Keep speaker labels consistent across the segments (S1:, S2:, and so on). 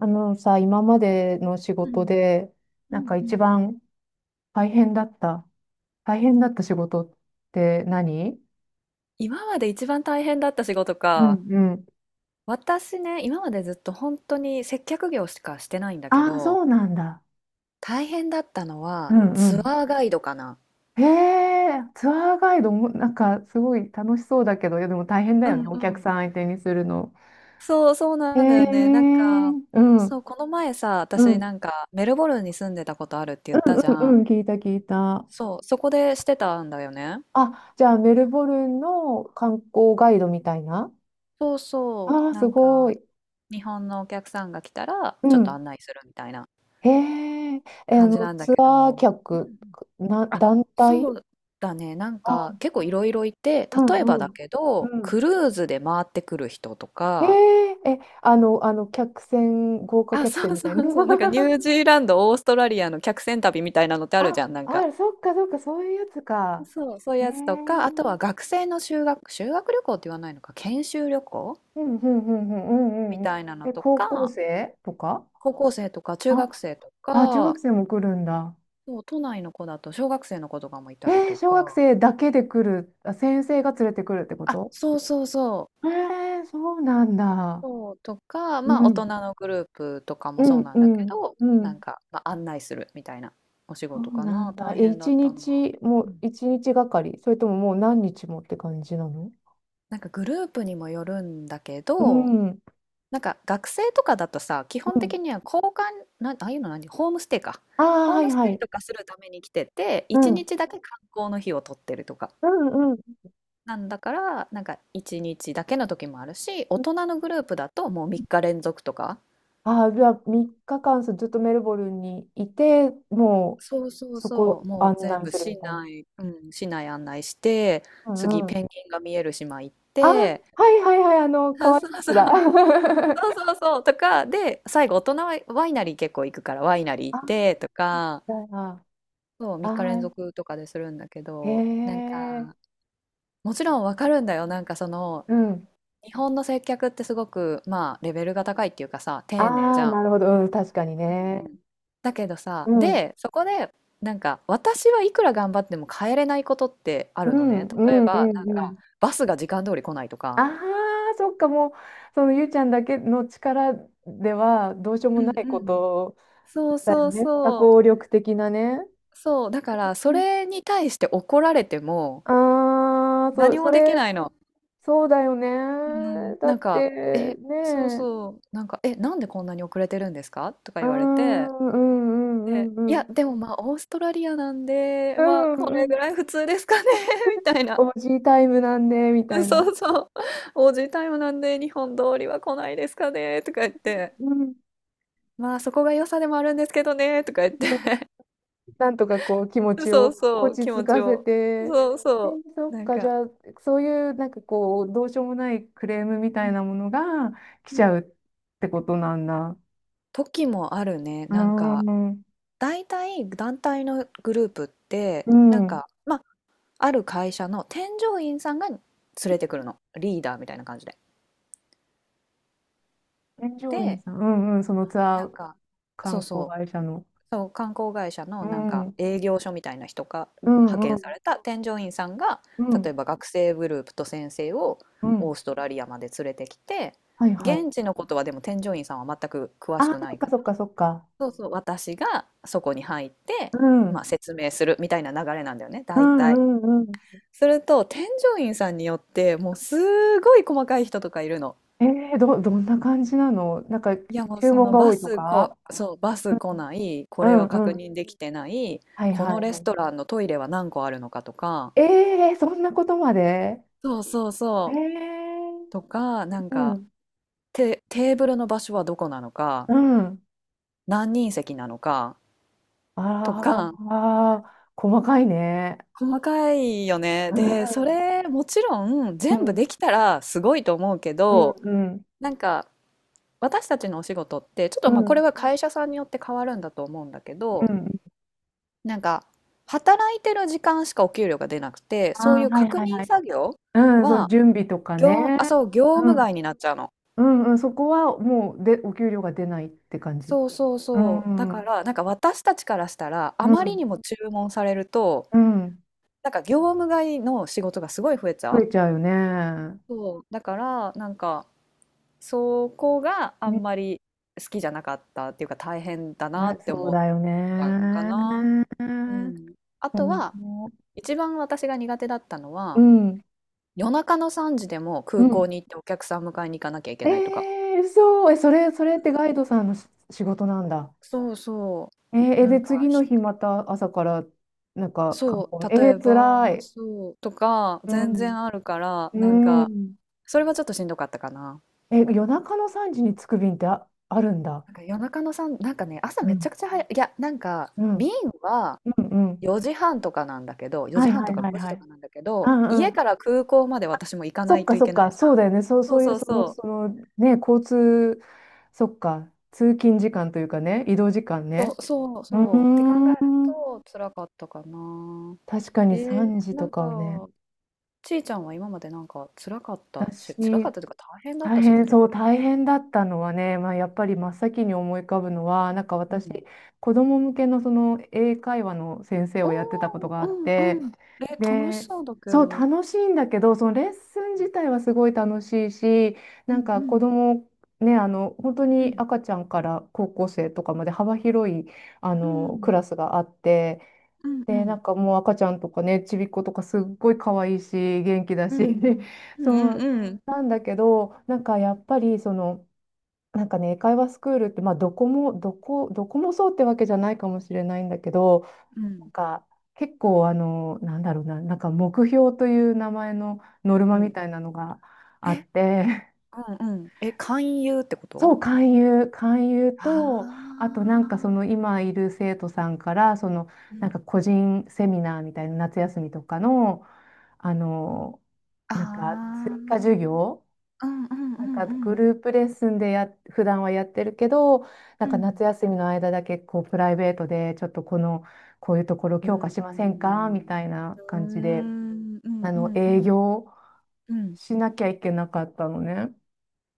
S1: あのさ、今までの仕
S2: う
S1: 事
S2: ん、
S1: で、
S2: う
S1: なん
S2: ん
S1: か
S2: う
S1: 一
S2: ん。
S1: 番大変だった、大変だった仕事って何？
S2: 今まで一番大変だった仕事
S1: う
S2: か。
S1: んうん。
S2: 私ね、今までずっと本当に接客業しかしてないんだけ
S1: ああ、そ
S2: ど、
S1: うなんだ。
S2: 大変だったの
S1: う
S2: は
S1: んう
S2: ツ
S1: ん。
S2: アーガイドかな。
S1: へえ、ツアーガイドも、なんかすごい楽しそうだけど、いやでも大変だ
S2: う
S1: よ
S2: ん
S1: ね、お
S2: う
S1: 客
S2: ん。
S1: さん相手にするの。
S2: そうそう
S1: へ
S2: なんだ
S1: え、
S2: よ
S1: う
S2: ね。なんか、
S1: ん、う
S2: そ
S1: ん、
S2: う、この前さ、
S1: う
S2: 私な
S1: ん
S2: んかメルボルンに住んでたことあるって言ったじ
S1: う
S2: ゃ
S1: んうん、
S2: ん。
S1: 聞いた聞いた。
S2: そう、そこでしてたんだよね。
S1: あ、じゃあメルボルンの観光ガイドみたいな。
S2: そうそ
S1: ああー、
S2: う、な
S1: す
S2: ん
S1: ご
S2: か
S1: い。
S2: 日本のお客さんが来たら
S1: う
S2: ちょっと
S1: ん。
S2: 案内するみたいな
S1: へえ、
S2: 感じなんだ
S1: ツ
S2: け
S1: アー
S2: ど。うんう
S1: 客、
S2: ん、あ、
S1: 団体。
S2: そうだね。なんか
S1: あ、
S2: 結構いろいろいて、
S1: う
S2: 例えば
S1: んう
S2: だ
S1: ん。
S2: け
S1: う
S2: ど、
S1: ん。
S2: クルーズで回ってくる人と
S1: へ
S2: か、
S1: え、客船、豪華
S2: あ、
S1: 客
S2: そ
S1: 船
S2: う
S1: み
S2: そ
S1: たいな。
S2: うそう。なんかニュ ージーランド、オーストラリアの客船旅みたいなのってある
S1: あ、
S2: じゃん、なん
S1: あ
S2: か。
S1: る、そっかそっか、そういうやつか。
S2: そう、そういう
S1: へえ、う
S2: やつとか、あとは
S1: ん
S2: 学生の修学旅行って言わないのか、研修旅行
S1: うんうんうんう
S2: み
S1: んうん。
S2: たいなのと
S1: 高校
S2: か、
S1: 生とか。
S2: 高校生とか中学
S1: あ、
S2: 生と
S1: あ、中学
S2: か、
S1: 生も来るんだ。
S2: そう、都内の子だと小学生の子とかもいたりと
S1: 小学
S2: か、
S1: 生だけで来る、あ、先生が連れてくるってこ
S2: あ、
S1: と？
S2: そうそうそう。
S1: そうなんだ。
S2: そう、とか、
S1: う
S2: まあ、大
S1: ん。
S2: 人のグループとか
S1: う
S2: もそう
S1: ん
S2: なん
S1: う
S2: だけ
S1: ん
S2: ど、
S1: う
S2: な
S1: ん。
S2: んか、まあ、案内するみたいなお仕
S1: そ
S2: 事
S1: う
S2: か
S1: な
S2: な、
S1: んだ。
S2: 大変だったのは。う
S1: もう
S2: ん、
S1: 一日がかりそれとももう何日もって感じなの？
S2: なんかグループにもよるんだけ
S1: う
S2: ど、
S1: ん。うん。
S2: なんか学生とかだとさ、基本的には交換、な、ああいうの何、ホームステイか。
S1: ああ、
S2: ホー
S1: は
S2: ム
S1: い
S2: ス
S1: は
S2: テイ
S1: い。
S2: とかするために来てて、
S1: う
S2: 一
S1: ん。
S2: 日だけ観光の日を取ってるとか。
S1: うんうん。
S2: なんだから、なんか一日だけの時もあるし、大人のグループだともう3日連続とか。
S1: ああ、じゃあ3日間ずっとメルボルンにいて、も
S2: そうそ
S1: う
S2: う
S1: そこ
S2: そう、もう
S1: 案
S2: 全
S1: 内
S2: 部
S1: する
S2: 市
S1: みたい
S2: 内、うん、市内案内して、
S1: な。う
S2: 次
S1: んう
S2: ペン
S1: ん。
S2: ギンが見える島行っ
S1: ああ、
S2: て、
S1: はいはいはい、
S2: あ、
S1: 可愛
S2: そ
S1: いや
S2: うそ
S1: つだ。
S2: う、そう そうそう、とか、で、最後大人はワイナリー結構行くからワイナリー行
S1: あ
S2: っ
S1: あ、
S2: てとか、
S1: じゃあ、
S2: そう、
S1: あ
S2: 3日連
S1: あ、
S2: 続とかでするんだけ
S1: へ
S2: ど、なん
S1: え、
S2: か、もちろんわかるんだよ、なんかその、
S1: うん。
S2: 日本の接客ってすごく、まあ、レベルが高いっていうかさ、
S1: あ
S2: 丁寧じ
S1: あ、
S2: ゃん。
S1: なるほど、うん、確かに
S2: う
S1: ね。
S2: んうん。だけど
S1: う
S2: さ、
S1: ん、
S2: で、そこで、なんか、私はいくら頑張っても変えれないことってあ
S1: う
S2: るの
S1: ん、
S2: ね。
S1: う
S2: 例え
S1: ん、う
S2: ば、
S1: ん、
S2: なん
S1: う
S2: か、
S1: ん。
S2: バスが時間通り来ないと
S1: あ
S2: か。
S1: あ、そっか、もう、そのゆうちゃんだけの力ではどうしよう
S2: う
S1: もな
S2: ん
S1: い
S2: う
S1: こ
S2: ん。
S1: と
S2: そう
S1: だよ
S2: そう
S1: ね。多
S2: そう。
S1: 項力的なね。
S2: そう、だから、それに対して怒られても、
S1: ああー、
S2: 何
S1: そ
S2: もでき
S1: れ、
S2: ないの。
S1: そうだよね。
S2: うん。
S1: だ
S2: なん
S1: っ
S2: か、
S1: て、
S2: え、
S1: ね
S2: そう
S1: え、
S2: そう、なんか、え、なんでこんなに遅れてるんですかとか
S1: うー
S2: 言われて、
S1: ん、うん、う
S2: で、
S1: ん、う
S2: い
S1: ん、うん、
S2: や、でもまあ、オーストラリアなんで、
S1: う
S2: まあ、こ
S1: ん、う
S2: れ
S1: ん、
S2: ぐらい普通ですかね みたいな。
S1: おじいタイムなんで、み
S2: う
S1: た
S2: ん
S1: いな。
S2: そうそう。おじいタイムなんで日本通りは来ないですかねとか言って、
S1: うん、
S2: まあそこが良さでもあるんですけどねとか言って、
S1: なんとかこう気持 ち
S2: そう
S1: を
S2: そ
S1: 落
S2: う、気
S1: ち着
S2: 持ち
S1: かせ
S2: を。
S1: て、
S2: そうそ
S1: そ
S2: う。
S1: っ
S2: なん
S1: か、じ
S2: か、
S1: ゃあ、そういうなんかこう、どうしようもないクレームみたいなものが来
S2: う
S1: ちゃう
S2: ん。
S1: ってことなんだ。
S2: 時もあるね。
S1: うー
S2: なんか、
S1: ん、
S2: 大体団体のグループって、
S1: う
S2: なん
S1: ん。
S2: か、まあ、ある会社の添乗員さんが連れてくるの。リーダーみたいな感じで。
S1: 添乗員
S2: で、
S1: さん、うんうん、そのツア
S2: なん
S1: ー
S2: か、そ
S1: 観
S2: う
S1: 光
S2: そう。
S1: 会社の。
S2: そう、観光会社の
S1: う
S2: なんか
S1: ん、う
S2: 営業所みたいな人が派
S1: ん、う
S2: 遣さ
S1: ん、
S2: れた添乗員さんが、
S1: うん、
S2: 例えば学生グループと先生を
S1: う
S2: オ
S1: ん。
S2: ーストラリアまで連れてきて、
S1: はいはい。
S2: 現地のことはでも添乗員さんは全く詳し
S1: ああ、そ
S2: くな
S1: っ
S2: い
S1: か
S2: から、
S1: そっかそっか。
S2: そうそう、私がそこに入って、
S1: うん、
S2: まあ、
S1: う
S2: 説明するみたいな流れなんだよね、
S1: ん、
S2: 大体。
S1: うん、うん。
S2: すると添乗員さんによってもうすごい細かい人とかいるの。
S1: どんな感じなのなんか、
S2: いやもう
S1: 注
S2: そ
S1: 文
S2: の
S1: が多
S2: バ
S1: いと
S2: ス
S1: か？
S2: こ、そう、バス来ない、こ
S1: う
S2: れ
S1: ん
S2: は
S1: う
S2: 確
S1: ん。
S2: 認できてない、
S1: はい
S2: この
S1: はい
S2: レ
S1: は
S2: ス
S1: い。
S2: トランのトイレは何個あるのかとか、
S1: ええそんなことまで？
S2: そうそう
S1: え
S2: そう、と
S1: え
S2: か、なん
S1: う
S2: か、
S1: ん。
S2: テーブルの場所はどこなのか、
S1: うん。
S2: 何人席なのか、と
S1: あ
S2: か、
S1: あ、細かいね。
S2: 細かいよね。
S1: う
S2: で、そ
S1: ん。
S2: れもちろん
S1: う
S2: 全部
S1: ん、
S2: できたらすごいと思うけ
S1: うん、
S2: ど、
S1: うん、
S2: なんか私たちのお仕事ってちょっ
S1: う
S2: とまあこれ
S1: ん。
S2: は会社さんによって変わるんだと思うんだけ
S1: う
S2: ど、
S1: ん。
S2: なんか、働いてる時間しかお給料が出なくて、
S1: あ
S2: そうい
S1: あ、
S2: う
S1: はい
S2: 確
S1: はいは
S2: 認
S1: い。
S2: 作業
S1: うん、そう、
S2: は、
S1: 準備とかね。
S2: 業、あ、そう、業
S1: う
S2: 務
S1: ん、
S2: 外になっちゃうの。
S1: うん、うん、そこはもうで、お給料が出ないって感じ。
S2: そうそう
S1: う
S2: そう。だ
S1: ん、う
S2: か
S1: ん、
S2: ら、なんか私たちからしたら、あまりにも注文されると、
S1: うん、
S2: なんか業務外の仕事がすごい増えちゃ
S1: 増
S2: う。
S1: えちゃうよね。
S2: そう。だから、なんか、そこがあ
S1: うん
S2: んまり好きじゃなかったっていうか、大変だな
S1: あ、
S2: って
S1: そう
S2: 思っ
S1: だよ
S2: たのか
S1: ね。
S2: な。
S1: う
S2: う
S1: ん、
S2: ん。あとは、一番私が苦手だったの
S1: う
S2: は、
S1: ん、
S2: 夜中の3時でも
S1: う
S2: 空港
S1: ん、
S2: に行ってお客さん迎えに行かなきゃいけないとか。
S1: そう、それってガイドさんの仕事なんだ。
S2: そうそう。な
S1: で、
S2: んか、
S1: 次の日また朝から、なんか観
S2: そ
S1: 光、
S2: う、例え
S1: つら
S2: ば、
S1: い。
S2: そう、とか、
S1: う
S2: 全
S1: ん。
S2: 然あるから、なん
S1: う
S2: か、
S1: ん。
S2: それはちょっとしんどかったかな。
S1: 夜中の3時に着く便ってあ、あるんだ。
S2: なんか夜中の3、なんかね、朝
S1: う
S2: めち
S1: ん。
S2: ゃくちゃ早い、いや、なんか、
S1: うん。
S2: 便は
S1: うん。うん。
S2: 4時半とかなんだけど、
S1: は
S2: 4
S1: い
S2: 時半
S1: は
S2: と
S1: い
S2: か
S1: はい
S2: 5時
S1: は
S2: と
S1: い。
S2: かなんだけ
S1: う
S2: ど、
S1: んう
S2: 家
S1: ん。
S2: から空港まで私も行か
S1: そ
S2: な
S1: っ
S2: い
S1: か
S2: とい
S1: そっ
S2: けない
S1: か、
S2: じゃん。
S1: そうだよね。そう、
S2: そ
S1: そ
S2: う
S1: ういう、
S2: そう
S1: その、
S2: そう。
S1: その、ね、交通、そっか、通勤時間というかね、移動時間
S2: そ
S1: ね。
S2: うそう
S1: う
S2: そう。って
S1: ー
S2: 考える
S1: ん。
S2: と、辛かったかな。
S1: 確かに3時
S2: な
S1: と
S2: ん
S1: か
S2: か、
S1: はね。
S2: ちいちゃんは今までなんか辛かったし辛か
S1: 私、
S2: ったというか大変だった仕事ある？
S1: 大変だったのはね、まあ、やっぱり真っ先に思い浮かぶのは、なんか
S2: う
S1: 私、
S2: ん。
S1: 子供向けのその英会話の先生
S2: お
S1: をやってたこと
S2: お、
S1: があ
S2: う
S1: っ
S2: ん
S1: て、
S2: うん。え、楽し
S1: で、
S2: そうだけ
S1: そう、
S2: ど。
S1: 楽しいんだけど、そのレッスン自体はすごい楽しいし、
S2: う
S1: なん
S2: んう
S1: か子
S2: ん
S1: 供、ね、本当に赤ちゃんから高校生とかまで幅広い、
S2: う
S1: ク
S2: ん
S1: ラスがあって、
S2: うんうん
S1: で、
S2: う
S1: な
S2: ん。
S1: んかもう赤ちゃんとかね、ちびっことかすっごい可愛いし、元気だ
S2: う
S1: し、
S2: んう ん
S1: そう、
S2: うん。
S1: なんだけど、なんかやっぱりその、なんかね、英会話スクールって、まあどこもそうってわけじゃないかもしれないんだけど、
S2: う
S1: な
S2: ん。
S1: んか結構なんだろうな、なんか目標という名前のノル
S2: う
S1: マみ
S2: ん。
S1: たいなのがあっ
S2: え、
S1: て、
S2: うんうん。え、勧誘ってこ
S1: そ
S2: と？
S1: う、勧誘と、
S2: あ
S1: あとなんかその
S2: あ。
S1: 今いる生徒さんから、その
S2: う
S1: なんか
S2: ん。
S1: 個人セミナーみたいな夏休みとかの、あの、
S2: あ
S1: なんか追加授
S2: あ。
S1: 業、
S2: うんうんう
S1: なんか
S2: ん
S1: グ
S2: うん。
S1: ループレッスンで普段はやってるけど、なん
S2: う
S1: か
S2: ん。
S1: 夏休みの間だけこうプライベートでちょっとこういうところ
S2: うー
S1: 強化しませんかみ
S2: ん。
S1: たい
S2: う
S1: な
S2: ー
S1: 感じで、
S2: ん、うんうんうん。うんう
S1: 営
S2: ん
S1: 業
S2: うーんうんうんうんうんうん、
S1: しなきゃいけなかったのね。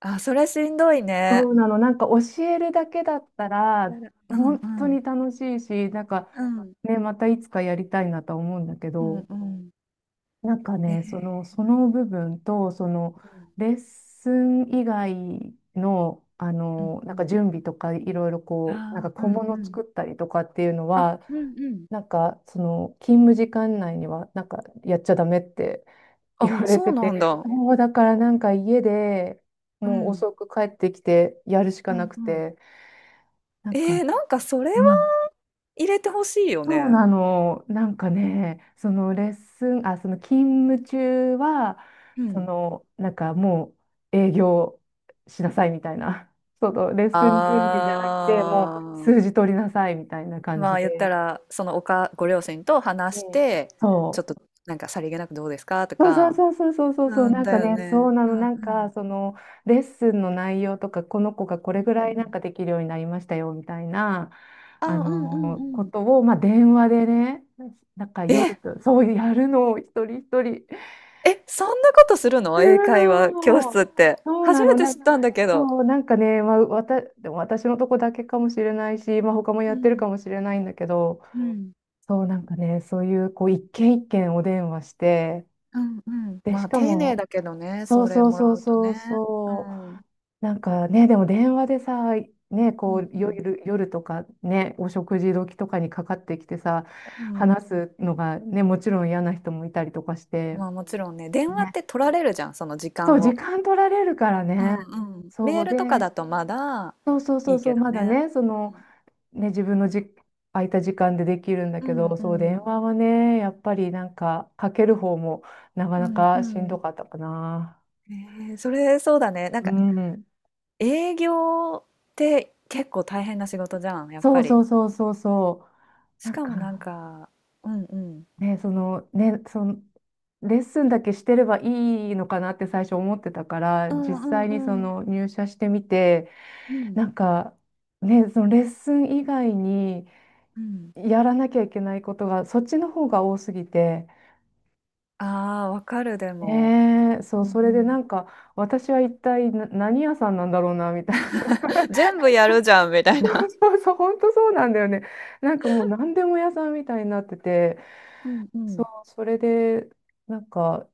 S2: あ、それしんどい
S1: そ
S2: ね。
S1: うなの、なんか教えるだけだった
S2: な
S1: ら、
S2: るうん
S1: 本当
S2: うん。
S1: に楽しいし、なんか
S2: うん。
S1: ね、またいつかやりたいなとは思うんだけ
S2: うん
S1: ど、
S2: うん。
S1: なんか
S2: ええ。
S1: ね、その、そ
S2: うん
S1: の部分と、その、レッスン以外の、
S2: うんう
S1: なんか
S2: ん。
S1: 準備とか、いろいろこう、なんか
S2: ああ、う
S1: 小
S2: んう
S1: 物
S2: ん。
S1: 作ったりとかっていうの
S2: あ
S1: は、
S2: うんうん。
S1: なんか、その、勤務時間内には、なんか、やっちゃダメって言
S2: あ、
S1: われ
S2: そう
S1: て
S2: な
S1: て、
S2: んだ。
S1: もうだからなんか家で
S2: う
S1: もう
S2: ん。
S1: 遅く帰ってきてやるしか
S2: う
S1: な
S2: ん
S1: く
S2: うん。
S1: て、なん
S2: え
S1: か、
S2: ー、なんかそれは
S1: うん、
S2: 入れてほしいよ
S1: そう
S2: ね。
S1: なの、なんかね、そのレッスン、あ、その勤務中は、
S2: う
S1: そ
S2: ん。
S1: のなんかもう営業しなさいみたいな、そのレッ
S2: あ
S1: スン準備じゃなくて、もう
S2: ー、
S1: 数字取りなさいみたいな感
S2: ま
S1: じ
S2: あ言った
S1: で、
S2: ら、そのおかご両親と話し
S1: うん、
S2: て、ちょ
S1: そ
S2: っ
S1: う。
S2: となんかさりげなくどうですかと
S1: そうそ
S2: か。
S1: うそうそうそうそうそう、
S2: うん、
S1: なん
S2: だ
S1: か
S2: よ
S1: ね、そう
S2: ね。
S1: な
S2: う
S1: の、
S2: んう
S1: なん
S2: ん。
S1: か、その、レッスンの内容とか、この子がこれぐら
S2: う
S1: い
S2: んう
S1: なんか
S2: ん。
S1: できるようになりましたよ、みたいな、
S2: あ、うんうんう
S1: こ
S2: ん。
S1: とを、まあ、電話でね、なんか夜
S2: え！
S1: と、そうやるのを一人一人、
S2: え、そんなことするの？
S1: す
S2: 英
S1: る
S2: 会話教室
S1: の。
S2: って。
S1: そう
S2: 初
S1: な
S2: め
S1: の、
S2: て
S1: なん
S2: 知っ
S1: か、
S2: たんだけど。
S1: そう、なんかね、まあ、でも私のとこだけかもしれないし、まあ、他もや
S2: う
S1: ってるか
S2: ん。
S1: もしれないんだけど、
S2: う
S1: そう、なんかね、そういう、こう、一軒一軒お電話して、
S2: んうんうん。
S1: で、
S2: ま
S1: し
S2: あ、
S1: か
S2: 丁寧
S1: も、
S2: だけどね、
S1: そ
S2: そ
S1: う
S2: れ
S1: そう
S2: もら
S1: そう
S2: うと
S1: そう
S2: ね。う
S1: そ
S2: ん。うん
S1: う、なんかね、でも電話でさ、ね、
S2: う
S1: こう
S2: ん。
S1: 夜とかね、お食事時とかにかかってきてさ、
S2: うん。
S1: 話すのがね、もちろん嫌な人もいたりとかして、
S2: まあ、もちろんね、電話っ
S1: ね、
S2: て取られるじゃん、その時
S1: そ
S2: 間
S1: う、時
S2: を。
S1: 間取られるから
S2: う
S1: ね、
S2: んうん。メ
S1: そ
S2: ー
S1: う
S2: ル
S1: で、
S2: とかだとまだ
S1: そうそうそ
S2: い
S1: う
S2: い
S1: そ
S2: け
S1: う、
S2: ど
S1: まだ
S2: ね。
S1: ね、その、ね、自分の空いた時間でできるんだ
S2: う
S1: け
S2: ん。うん
S1: ど、
S2: う
S1: そう、電
S2: ん。
S1: 話はね、やっぱりなんか、かける方もなか
S2: う
S1: なかしんど
S2: ん、
S1: かったかな。
S2: ええ、それそうだね。なん
S1: う
S2: か
S1: ん
S2: 営業って結構大変な仕事じゃん、やっ
S1: そ
S2: ぱ
S1: う
S2: り。
S1: そうそうそうそう。
S2: し
S1: なん
S2: かもなん
S1: か
S2: か、うんうん。う
S1: ね、そのレッスンだけしてればいいのかなって最初思ってたから、実
S2: ん
S1: 際
S2: う
S1: にそ
S2: んう
S1: の入社してみて、
S2: ん。うん
S1: なんかね、そのレッスン以外に
S2: うん。
S1: やらなきゃいけないことがそっちの方が多すぎて、
S2: ああ、わかる、でも。
S1: ねえ、そう、
S2: うんう
S1: それでな
S2: ん。
S1: んか私は一体何屋さんなんだろうなみたいな。
S2: 全部やるじゃんみたい
S1: そう
S2: な。
S1: そうそう、本当そうなんだよね。なんかもう何でも屋さんみたいになってて。
S2: うんう
S1: そ
S2: ん
S1: う、それで、なんか、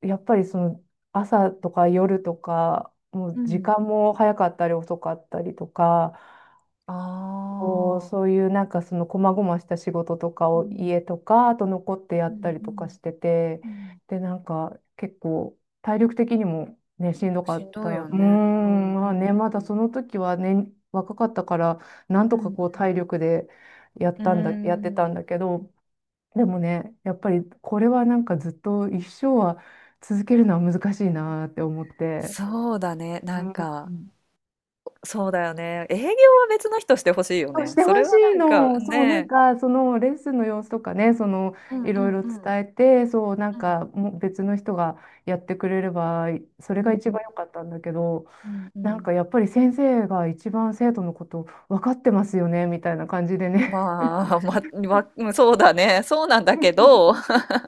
S1: やっぱりその朝とか夜とか、も
S2: う
S1: う時
S2: ん。
S1: 間も早かったり遅かったりとか、
S2: あ
S1: こう、そう
S2: あ。
S1: いうなんかその細々した仕事とか
S2: う
S1: を
S2: ん
S1: 家とか、あと残ってや
S2: う
S1: った
S2: ん
S1: り
S2: う
S1: とかし
S2: ん
S1: てて、
S2: うん。
S1: で、なんか結構体力的にもね、しんどかっ
S2: しんどい
S1: た。う
S2: よ
S1: ー
S2: ね。
S1: ん、まあね、
S2: う
S1: まだその時はね、若かったから、なん
S2: ん
S1: と
S2: う
S1: か
S2: ん
S1: こう
S2: うん。う
S1: 体力で
S2: ん。う
S1: やってたん
S2: ん。
S1: だけど、でもね、やっぱりこれはなんかずっと一生は続けるのは難しいなって思って。
S2: そうだね。
S1: う
S2: なんか、
S1: ん。
S2: そうだよね。営業は別の人してほしいよ
S1: そうし
S2: ね。
S1: て
S2: そ
S1: ほ
S2: れ
S1: し
S2: はな
S1: い
S2: んか
S1: の。
S2: ね。
S1: そう、なん
S2: ね、
S1: か、そのレッスンの様子とかね、その、
S2: うん
S1: い
S2: う
S1: ろい
S2: ん
S1: ろ
S2: う
S1: 伝
S2: ん。
S1: えて、そう、なん
S2: う
S1: か、
S2: ん。
S1: もう別の人がやってくれれば、そ
S2: う
S1: れが
S2: ん
S1: 一
S2: うん
S1: 番良かったんだけど、
S2: うんう
S1: なん
S2: ん。
S1: かやっぱり先生が一番生徒のこと分かってますよね、みたいな感じでね
S2: まあ、ま、わうん、そうだね。そうなんだけど、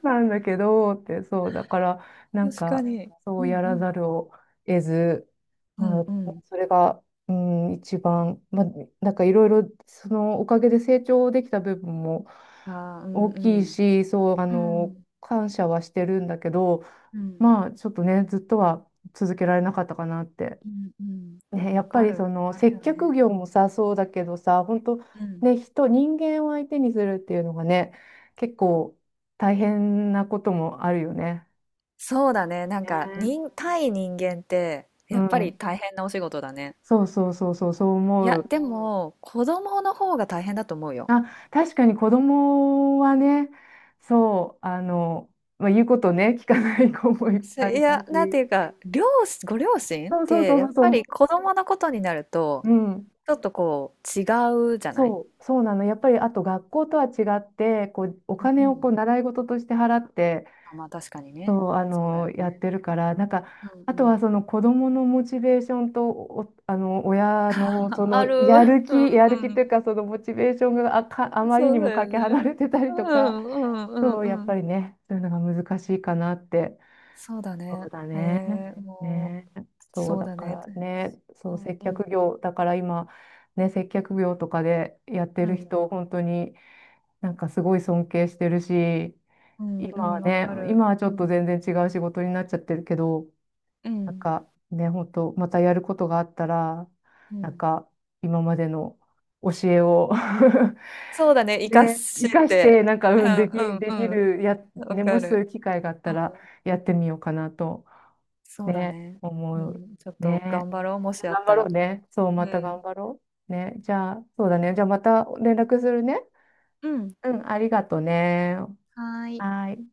S1: なんだけど、って、そう、だから、なん
S2: 確か
S1: か、
S2: に。
S1: そ
S2: う
S1: う
S2: ん
S1: や
S2: う
S1: ら
S2: ん。
S1: ざるを得ず、
S2: う
S1: ま
S2: ん
S1: あ、
S2: うん。
S1: それが、うん、一番、まあ、なんかいろいろ、そのおかげで成長できた部分も
S2: ああ、うん
S1: 大
S2: う
S1: きい
S2: ん。
S1: し、そう、
S2: うん。
S1: 感謝はしてるんだけど、
S2: うん。
S1: まあ、ちょっとね、ずっとは続けられなかったかなって
S2: うんうん。
S1: ね、や
S2: わ
S1: っぱ
S2: か
S1: りそ
S2: る。
S1: の
S2: ある
S1: 接
S2: よ
S1: 客
S2: ね。
S1: 業もさ、そうだけどさ、本当
S2: うん。
S1: ね、人間を相手にするっていうのがね、結構大変なこともあるよね。
S2: そうだね。なんか、
S1: ね。
S2: 人、対人間って、
S1: う
S2: やっぱり
S1: ん。
S2: 大変なお仕事だね。
S1: そうそうそうそう、そう
S2: い
S1: 思
S2: や、
S1: う。
S2: でも、子供の方が大変だと思うよ。
S1: あ、確かに子供はね、そう、まあ、言うことね、聞かない子もいっ
S2: そう
S1: ぱ
S2: い
S1: いいた
S2: や、なん
S1: し。
S2: ていうか、両親、ご両親っ
S1: そうそうそ
S2: て、
S1: うそ
S2: やっ
S1: う
S2: ぱ
S1: そ
S2: り
S1: う、
S2: 子供のことになると、
S1: うん。
S2: ちょっとこう、違うじゃない、
S1: そう、そうなの。やっぱり、あと学校とは違って、こう、お金をこう習い事として払って、
S2: あ、まあ確かにね。
S1: そう、
S2: そうだよ
S1: やっ
S2: ね。
S1: てるから、なんか、
S2: うん
S1: あ
S2: う
S1: と
S2: ん。
S1: はその子供のモチベーションと、お、あの、親 のそ
S2: あ
S1: の
S2: ある。
S1: やる 気、
S2: うん
S1: や
S2: う
S1: る気とい
S2: ん。
S1: うか、そのモチベーションがあか、あまりに
S2: そう
S1: も
S2: だよ
S1: かけ離れ
S2: ね。
S1: てたり
S2: う
S1: とか、
S2: んうんうん
S1: そう、
S2: う
S1: やっぱ
S2: ん。
S1: りね、そういうのが難しいかなって。
S2: そうだ
S1: そう
S2: ね。
S1: だね。
S2: ええ、も
S1: ね。
S2: う、
S1: そう、
S2: そう
S1: だ
S2: だ
S1: か
S2: ね。
S1: らね、そ
S2: う
S1: う、
S2: ん
S1: 接
S2: う
S1: 客
S2: ん
S1: 業、だから今、ね、接客業とかでやって
S2: う
S1: る
S2: ん。
S1: 人、本当になんかすごい尊敬してるし、
S2: うん
S1: 今
S2: う
S1: は
S2: ん、わ
S1: ね、
S2: かる。
S1: 今はちょ
S2: う
S1: っと
S2: ん。
S1: 全然違う仕事になっちゃってるけど、
S2: う
S1: なん
S2: ん。
S1: かね、本当またやることがあったら、
S2: う
S1: なん
S2: ん。
S1: か今までの教えを
S2: そうだね、生か
S1: ね、
S2: し
S1: 生かし
S2: て。
S1: て、なんか、うん、でき、
S2: うん
S1: で
S2: う
S1: き
S2: ん
S1: る、
S2: うん。わ
S1: ね、も
S2: か
S1: しそうい
S2: る。
S1: う機会があっ
S2: う
S1: たら、
S2: ん。
S1: やってみようかなと、
S2: そうだ
S1: ね、
S2: ね。う
S1: 思う。
S2: ん、ちょっと
S1: ね。
S2: 頑張ろう、も
S1: いや
S2: しあっ
S1: 頑張
S2: た
S1: ろ
S2: ら。
S1: うね。そう、ま
S2: う
S1: た
S2: ん。
S1: 頑張ろう。ね。じゃあ、そうだね。じゃあ、また連絡するね。
S2: うん。
S1: うん、ありがとうね。
S2: はーい。
S1: はーい。